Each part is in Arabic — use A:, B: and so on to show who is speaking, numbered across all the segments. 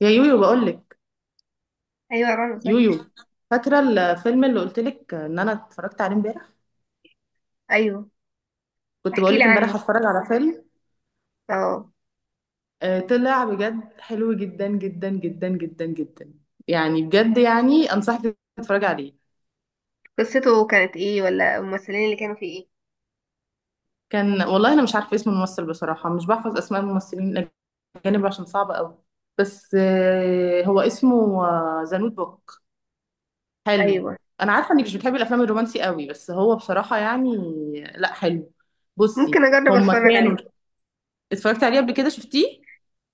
A: يا يويو بقولك.
B: ايوه رنا
A: يويو،
B: زيك.
A: فاكرة الفيلم اللي قلتلك ان انا اتفرجت عليه امبارح؟
B: ايوه،
A: كنت
B: احكي لي
A: بقولك
B: عنه.
A: امبارح هتفرج على فيلم.
B: اه،
A: طلع بجد حلو جدا جدا جدا جدا جدا. يعني بجد، يعني انصحك تتفرج عليه.
B: قصته كانت ايه ولا الممثلين اللي كانوا فيه؟
A: كان والله انا مش عارفة اسم الممثل، بصراحة مش بحفظ اسماء الممثلين الاجانب عشان صعبة قوي. بس هو اسمه ذا نوت بوك.
B: ايه
A: حلو.
B: ايوه،
A: انا عارفة انك مش بتحبي الافلام الرومانسي قوي، بس هو بصراحة يعني لا حلو. بصي،
B: ممكن اجرب
A: هما
B: اتفرج
A: كانوا
B: عليه.
A: اتفرجت عليه قبل كده؟ شفتيه؟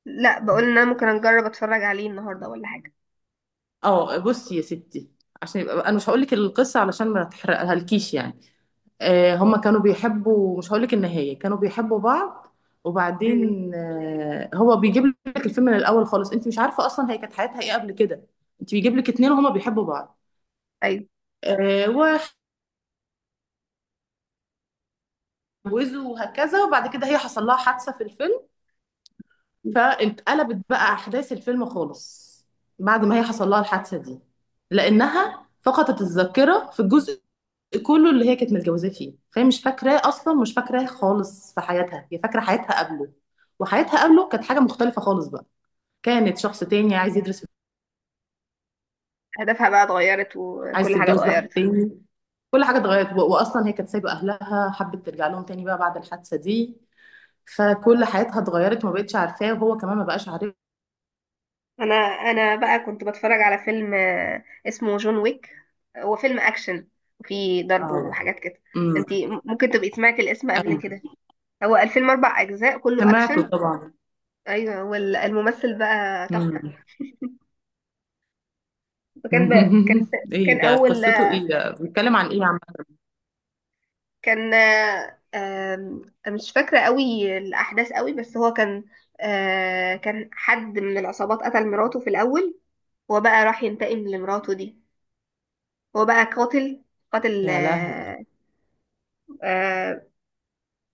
B: لا، بقول ان انا ممكن اجرب اتفرج عليه النهارده ولا حاجه.
A: اه بصي يا ستي، عشان يبقى انا مش هقول لك القصه علشان ما تحرقها لكيش يعني. آه هما كانوا بيحبوا، مش هقول لك النهايه، كانوا بيحبوا بعض.
B: امم.
A: وبعدين آه هو بيجيب لك الفيلم من الاول خالص، انت مش عارفه اصلا هي كانت حياتها ايه قبل كده. انت بيجيب لك اتنين وهما بيحبوا بعض.
B: ايوه،
A: آه واتجوزوا وهكذا، وبعد كده هي حصل لها حادثه في الفيلم. فاتقلبت بقى احداث الفيلم خالص بعد ما هي حصل لها الحادثه دي، لانها فقدت الذاكره في الجزء كله اللي هي كانت متجوزاه فيه، فهي مش فاكراه اصلا، مش فاكراه خالص في حياتها، هي فاكره حياتها قبله. وحياتها قبله كانت حاجه مختلفه خالص بقى، كانت شخص تاني عايز يدرس،
B: هدفها بقى اتغيرت
A: عايز
B: وكل حاجه
A: تتجوز واحد
B: اتغيرت.
A: تاني، كل حاجه اتغيرت واصلا هي كانت سايبه اهلها، حبت ترجع لهم تاني بقى بعد الحادثه دي. فكل حياتها اتغيرت، ما بقتش عارفاه وهو كمان ما بقاش عارف.
B: انا بقى كنت بتفرج على فيلم اسمه جون ويك. هو فيلم اكشن وفيه ضرب
A: اه.
B: وحاجات كده.
A: امم
B: انتي ممكن تبقي سمعتي الاسم قبل
A: ايوه
B: كده. هو الفيلم اربع اجزاء كله
A: سمعته
B: اكشن.
A: طبعا.
B: ايوه، والممثل بقى تحفه
A: امم.
B: فكان بقى كان كان
A: ايه ده؟
B: اول
A: قصته ايه؟ ده بيتكلم عن ايه يا عم؟
B: كان آه، آم، مش فاكره قوي الاحداث قوي بس هو كان، كان حد من العصابات قتل مراته في الاول. هو بقى راح ينتقم لمراته دي. هو بقى قاتل قاتل
A: يا لهوي،
B: آه، آه،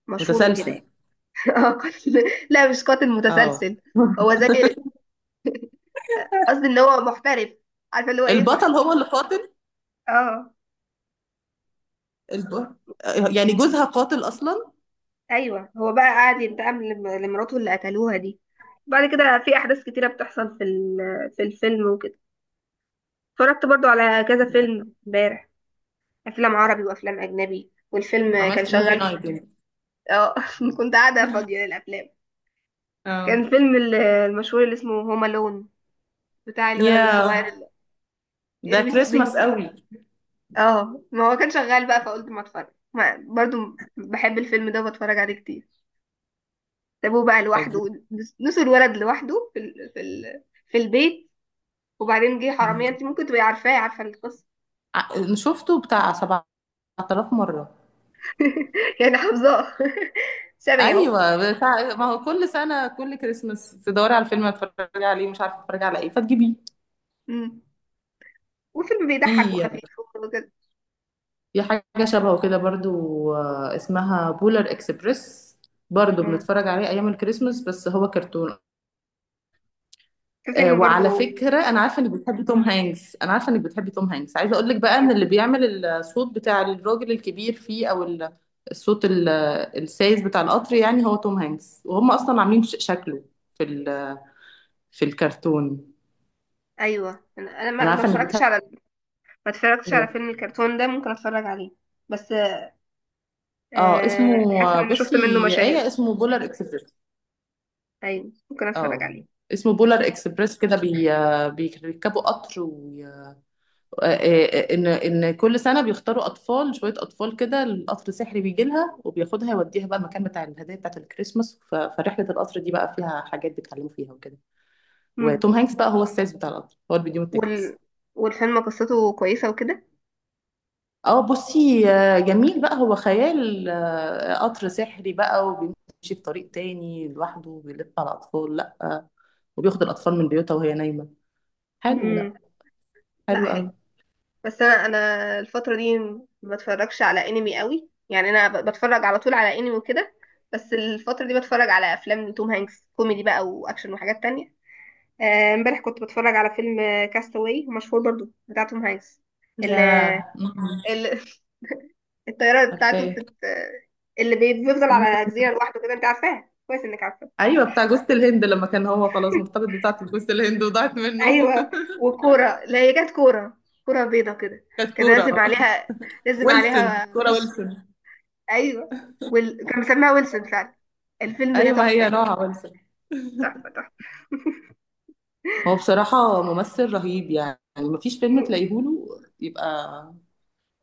B: مشهور
A: متسلسل؟
B: وكده يعني. قاتل. لا مش قاتل
A: اه.
B: متسلسل. هو زي، قصدي ان هو محترف، عارفه اللي هو ايه
A: البطل هو اللي قاتل؟
B: اه
A: الب... يعني جوزها قاتل اصلا؟
B: ايوه هو بقى قاعد ينتقم لمراته اللي قتلوها دي. بعد كده في احداث كتيره بتحصل في الفيلم وكده. اتفرجت برضو على كذا
A: ده.
B: فيلم امبارح، افلام عربي وافلام اجنبي. والفيلم كان
A: عملتي موفي
B: شغال في
A: نايت يعني؟
B: اه كنت قاعده فاضيه للافلام.
A: اه.
B: كان فيلم المشهور اللي اسمه هوم الون، بتاع الولد الصغير
A: يا
B: اللي إيه
A: ده كريسماس
B: بينزل.
A: قوي.
B: اه ما هو كان شغال بقى فقلت ما اتفرج ما برضو بحب الفيلم ده وبتفرج عليه كتير. سابوه بقى
A: فظيع.
B: لوحده، نسوا الولد لوحده في البيت. وبعدين جه
A: مم.
B: حرامية. انت ممكن تبقي عارفاه، عارفة القصة.
A: شفته بتاع 7000 مرة.
B: يعني حافظاه. شبهي اهو.
A: ايوه بتاع ما هو كل سنة كل كريسماس تدوري على الفيلم، هتتفرجي عليه مش عارفة تتفرجي على ايه فتجيبيه.
B: مم. وفيلم بيضحك
A: في
B: وخفيف وكده.
A: حاجة شبهه كده برضو، اسمها بولر اكسبريس، برضو
B: مم.
A: بنتفرج عليه ايام الكريسماس بس هو كرتون.
B: في فيلم
A: وعلى
B: برضو.
A: فكرة أنا عارفة إنك بتحبي توم هانكس، أنا عارفة إنك بتحبي توم هانكس، عايزة أقول لك بقى إن
B: ايوه
A: اللي بيعمل الصوت بتاع الراجل الكبير فيه أو الصوت السايس بتاع القطر، يعني هو توم هانكس وهم أصلا عاملين شكله في في الكرتون.
B: ايوه. انا أنا
A: أنا
B: ما ما
A: عارفة إنك
B: اتفرجتش
A: بتحبي
B: على، ما اتفرجتش على
A: ده.
B: فيلم الكرتون ده. ممكن اتفرج عليه بس
A: أه اسمه
B: حاسه ان انا شفت
A: بصي
B: منه
A: يا آية،
B: مشاهد.
A: اسمه بولار إكسبريس.
B: ايوه ممكن اتفرج
A: أه
B: عليه.
A: اسمه بولار إكسبريس، كده بي بيركبوا قطر. ان كل سنه بيختاروا اطفال، شويه اطفال كده، القطر السحري بيجي لها وبياخدها، يوديها بقى المكان بتاع الهدايا بتاعه الكريسماس. فرحله القطر دي بقى فيها حاجات بيتعلموا فيها وكده.
B: مم.
A: وتوم هانكس بقى هو السايس بتاع القطر، هو اللي بيديهم التيكتس.
B: وال... والفيلم قصته كويسه وكده.
A: اه بصي، جميل بقى، هو خيال، قطر سحري بقى وبيمشي في طريق تاني لوحده وبيلف على اطفال، لا وبياخد الاطفال من بيوتها وهي نايمه. حلو لا،
B: مم. لا
A: حلو
B: حلو.
A: قوي.
B: بس انا الفتره دي ما بتفرجش على انمي قوي، يعني انا بتفرج على طول على انمي وكده. بس الفتره دي بتفرج على افلام لتوم هانكس، كوميدي بقى واكشن وحاجات تانية. امبارح كنت بتفرج على فيلم كاستاوي، مشهور برضو بتاع توم هانكس. ال
A: يا، نعم.
B: ال الطياره بتاعته
A: عارفاه،
B: بتت... اللي بيفضل على جزيره لوحده كده، انت عارفاها كويس انك عارفه.
A: ايوه بتاع جوز الهند، لما كان هو خلاص مرتبط بتاعة جوز الهند وضاعت منه.
B: ايوه. وكوره، لا هي كانت كوره، كوره بيضه كده.
A: كانت
B: كان
A: كورة
B: لازم عليها، لازم
A: ويلسون،
B: عليها
A: كورة
B: وش.
A: ويلسون.
B: ايوه. كان مسميها ويلسون فعلا. الفيلم ده
A: ايوه ما
B: تحفة،
A: هي نوعها ويلسون.
B: تحفة تحفة.
A: هو بصراحة ممثل رهيب، يعني مفيش فيلم تلاقيه له يبقى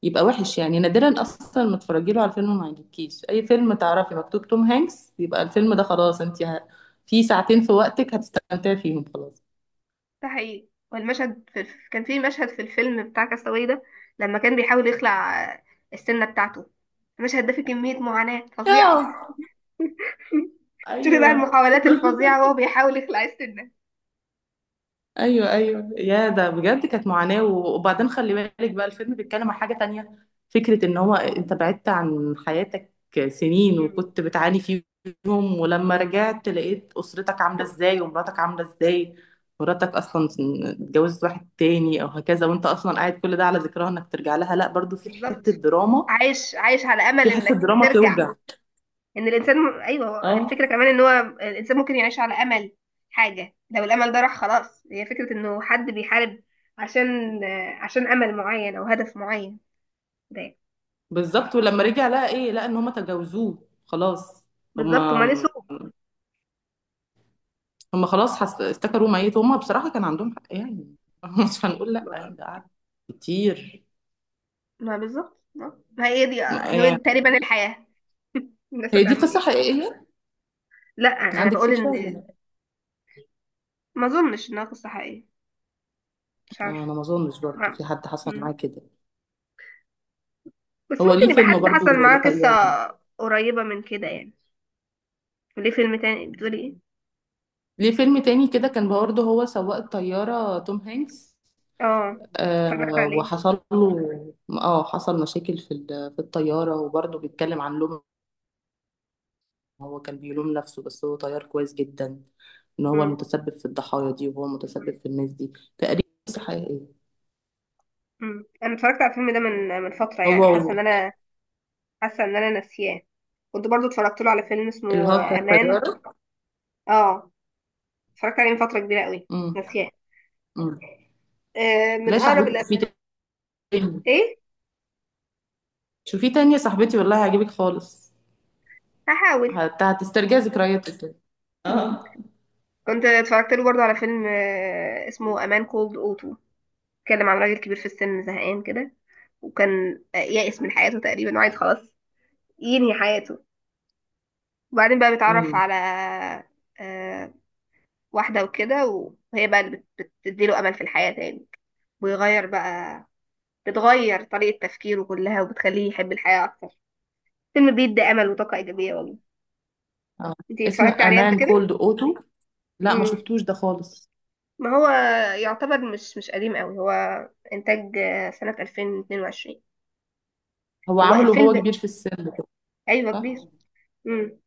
A: يبقى وحش، يعني نادرا اصلا ما تتفرجي له على فيلم ما يعجبكيش. اي فيلم تعرفي مكتوب توم هانكس يبقى الفيلم ده خلاص، انت في ساعتين في وقتك هتستمتعي فيهم خلاص.
B: ده حقيقي. والمشهد في كان في مشهد في الفيلم بتاع كاستاوي ده، لما كان بيحاول يخلع السنة بتاعته. المشهد ده فيه كمية معاناة
A: اه.
B: فظيعة. شوفي بقى
A: ايوه.
B: المحاولات الفظيعة وهو بيحاول يخلع السنة.
A: ايوه ايوه، يا ده بجد كانت معاناه. وبعدين خلي بالك بقى الفيلم بيتكلم عن حاجه تانية، فكره ان هو انت بعدت عن حياتك سنين
B: مم.
A: وكنت بتعاني فيهم، ولما رجعت لقيت اسرتك عامله ازاي ومراتك عامله ازاي. مراتك اصلا اتجوزت واحد تاني او هكذا، وانت اصلا قاعد كل ده على ذكرها انك ترجع لها، لا برضو في حته
B: بالظبط.
A: دراما،
B: عايش، عايش على أمل
A: في حته
B: إنك
A: دراما
B: ترجع.
A: توجع.
B: ان الانسان ايوه، هو
A: اه.
B: الفكره كمان ان هو الانسان ممكن يعيش على امل حاجه. لو الامل ده راح خلاص. هي فكره انه حد بيحارب عشان، عشان امل معين او هدف معين. ده
A: بالظبط، ولما رجع لقى ايه؟ لقى ان هما تجاوزوه خلاص.
B: بالظبط.
A: هما،
B: وما نسوا.
A: خلاص افتكروا ميت. هم بصراحة كان عندهم حق يعني، مش هنقول لأ
B: ما
A: يعني، ده قعد كتير
B: ما بالظبط، ما هي دي، هي
A: يعني.
B: تقريبا الحياه. الناس
A: هي دي
B: هتعمل
A: قصة
B: ايه.
A: حقيقية،
B: لا انا
A: عندك
B: بقول ان،
A: فكرة ولا لأ؟
B: ما اظنش انها قصه حقيقيه، مش عارفه.
A: أنا ما أظنش برضه
B: ما-
A: في حد حصل معاه
B: مم.
A: كده.
B: بس
A: هو ليه
B: ممكن يبقى
A: فيلم
B: حد
A: برضه
B: حصل معاه قصه
A: لطيارة،
B: قريبه من كده يعني. وليه فيلم تاني بتقولي ايه؟
A: ليه فيلم تاني كده كان برضه هو سواق الطيارة توم هانكس.
B: اه اتفرجت
A: آه
B: عليه.
A: وحصل له اه حصل مشاكل في في الطيارة، وبرضه بيتكلم عن لوم، هو كان بيلوم نفسه بس هو طيار كويس جدا، ان هو المتسبب في الضحايا دي وهو المتسبب في الناس دي. تقريبا قصة حقيقية.
B: مم. انا اتفرجت على الفيلم ده من، من فتره،
A: هو
B: يعني
A: و-
B: حاسه ان انا حاسه ان انا ناسياه. كنت برضو اتفرجت له على فيلم
A: اللي
B: اسمه
A: هو بتاع
B: امان.
A: الطيارة.
B: اه اتفرجت عليه من فتره كبيره قوي.
A: امم.
B: ناسياه.
A: امم.
B: آه،
A: لا
B: من
A: يا
B: اقرب
A: صاحبتي،
B: الافلام.
A: شوفي تاني،
B: ايه.
A: شوفي تاني يا صاحبتي، والله هيعجبك خالص،
B: هحاول.
A: هتسترجعي ذكرياتك كده.
B: مم.
A: اه.
B: كنت اتفرجت له برضو على فيلم آه اسمه امان كولد اوتو، اتكلم عن راجل كبير في السن، زهقان كده وكان يائس من حياته تقريبا وعايز خلاص ينهي حياته. وبعدين بقى بيتعرف
A: امم.
B: على آه واحده وكده، وهي بقى اللي بتديله امل في الحياه تاني. ويغير بقى، بتغير طريقة تفكيره كلها وبتخليه يحب الحياة أكتر. فيلم بيدي أمل وطاقة إيجابية والله.
A: اه
B: انتي
A: اسمه
B: اتفرجتي عليه قبل
A: امان
B: كده؟
A: كولد اوتو، لا ما
B: مم.
A: شفتوش ده خالص.
B: ما هو يعتبر مش قديم قوي، هو إنتاج سنة 2022.
A: هو
B: هو
A: عامله وهو
B: الفيلم
A: كبير في السن كده،
B: أيوه
A: صح.
B: كبير. مم.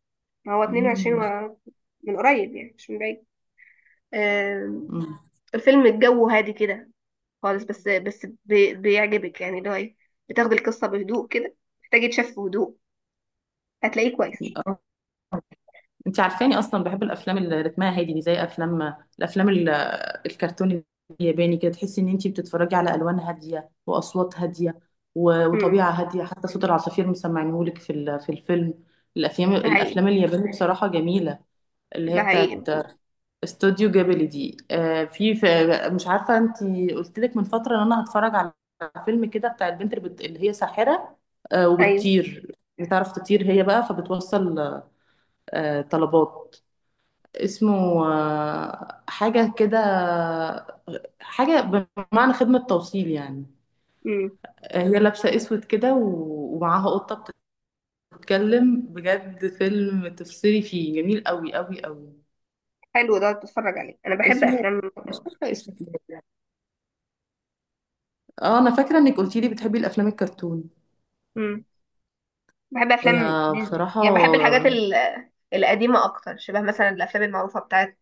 B: ما هو 22
A: امم.
B: و... من قريب يعني مش من بعيد. آم، الفيلم الجو هادي كده خالص، بس بيعجبك يعني، اللي هو إيه، بتاخدي القصة بهدوء كده. محتاج يتشاف بهدوء، هتلاقيه كويس.
A: انت عارفاني اصلا بحب الافلام اللي رتمها هادي دي، زي افلام الافلام الكرتون الياباني كده، تحسي ان انت بتتفرجي على الوان هاديه واصوات هاديه
B: مم.
A: وطبيعه هاديه، حتى صوت العصافير مسمعينهولك في في الفيلم. الافلام،
B: ده حقيقي.
A: الافلام اليابانيه بصراحه جميله، اللي هي
B: ده حقيقي.
A: بتاعت استوديو جابلي دي. في مش عارفه انت قلت لك من فتره ان انا هتفرج على فيلم كده بتاع البنت اللي, اللي هي ساحره،
B: ايوه.
A: وبتطير، بتعرف تطير هي بقى فبتوصل طلبات. اسمه حاجة كده، حاجة بمعنى خدمة توصيل يعني.
B: امم.
A: هي لابسة اسود كده ومعاها قطة بتتكلم، بجد فيلم تفصلي فيه جميل قوي قوي قوي.
B: حلو ده، اتفرج عليه. انا بحب
A: اسمه،
B: افلام.
A: مش فاكرة اسمه كده. اه انا فاكرة انك قلتي لي بتحبي الافلام الكرتون.
B: امم. بحب افلام
A: هي
B: ديزني،
A: بصراحة
B: يعني بحب الحاجات القديمه اكتر، شبه مثلا الافلام المعروفه بتاعت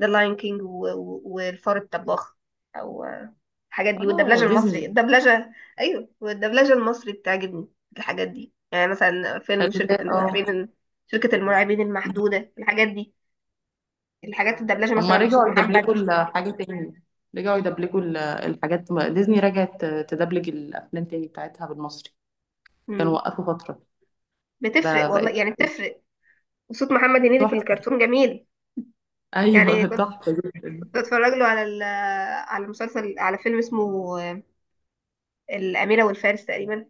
B: ذا لاين كينج والفار الطباخ او، الحاجات دي.
A: اه
B: والدبلجه المصري،
A: ديزني.
B: الدبلجه. ايوه والدبلجه المصري بتعجبني في الحاجات دي، يعني مثلا فيلم شركه
A: اه
B: المرعبين، شركه المرعبين المحدوده، الحاجات دي، الحاجات الدبلجه
A: هما
B: مثلا بصوت
A: رجعوا يدبلجوا
B: محمد.
A: الحاجة تاني، رجعوا يدبلجوا الحاجات، ديزني رجعت تدبلج الافلام تاني بتاعتها بالمصري. كانوا
B: امم.
A: وقفوا فترة،
B: بتفرق
A: ده
B: والله،
A: بقت
B: يعني بتفرق. وصوت محمد هنيدي في
A: تحفة.
B: الكرتون جميل. يعني
A: أيوه.
B: كنت
A: تحفة جدا.
B: كنت اتفرج له على مسلسل، على فيلم اسمه الأميرة والفارس تقريبا.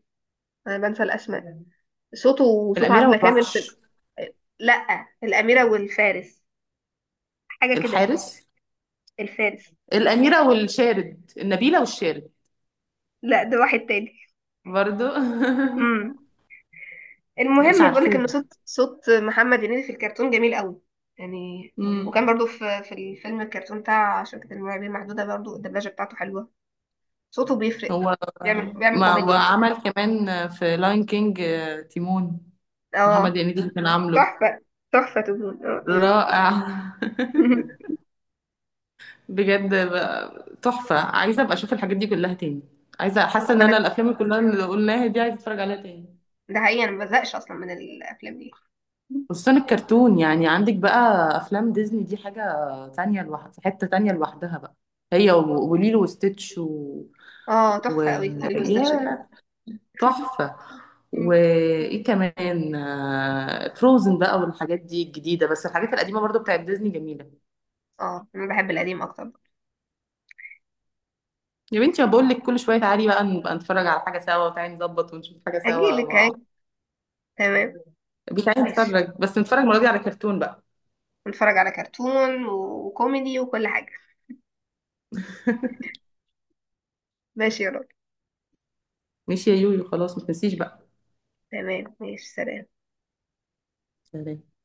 B: انا بنسى الاسماء. صوته وصوت
A: الأميرة
B: عبلة كامل في،
A: والوحش،
B: آه، لا الأميرة والفارس، حاجة كده.
A: الحارس،
B: الفارس.
A: الأميرة والشارد النبيلة والشارد،
B: لا ده واحد تاني.
A: برضو.
B: امم.
A: مش
B: المهم بقول لك
A: عارفة
B: ان
A: ده.
B: صوت محمد هنيدي في الكرتون جميل قوي يعني.
A: مم.
B: وكان برضو في الفيلم الكرتون بتاع شركة المرعبين المحدودة برضو الدبلجة بتاعته حلوة، صوته بيفرق.
A: هو،
B: بيعمل
A: ما
B: كوميديا.
A: وعمل كمان في لاين كينج، تيمون، محمد
B: اه
A: هنيدي اللي كان عامله.
B: تحفة، تحفة تكون اه.
A: رائع. بجد بقى تحفة، عايزة أبقى أشوف الحاجات دي كلها تاني، عايزة حاسة إن
B: وانا
A: أنا الأفلام اللي كلها اللي قلناها دي عايزة أتفرج عليها تاني.
B: ده حقيقي، انا ما بزهقش اصلا من الافلام دي.
A: خصوصا الكرتون، يعني عندك بقى افلام ديزني دي حاجه تانية لوحدها، في حته تانية لوحدها بقى. هي وليلو وستitch و...
B: اه
A: و...
B: تحفة قوي الليل والستاتش ده.
A: يا، تحفه. وايه كمان، فروزن بقى والحاجات دي الجديده، بس الحاجات القديمه برضو بتاعت ديزني جميله.
B: اه انا بحب القديم اكتر.
A: يا بنتي بقول لك، كل شويه تعالي بقى نبقى نتفرج على حاجه سوا، وتعالي نظبط ونشوف حاجه سوا.
B: اجيلك
A: و...
B: اهي. تمام
A: بتعالي
B: ماشي.
A: نتفرج، بس نتفرج المره دي على كرتون بقى.
B: نتفرج على كرتون وكوميدي وكل حاجة. ماشي يا راجل.
A: ماشي يا يويو، خلاص ما تنسيش بقى.
B: تمام ماشي، سلام.
A: سلام.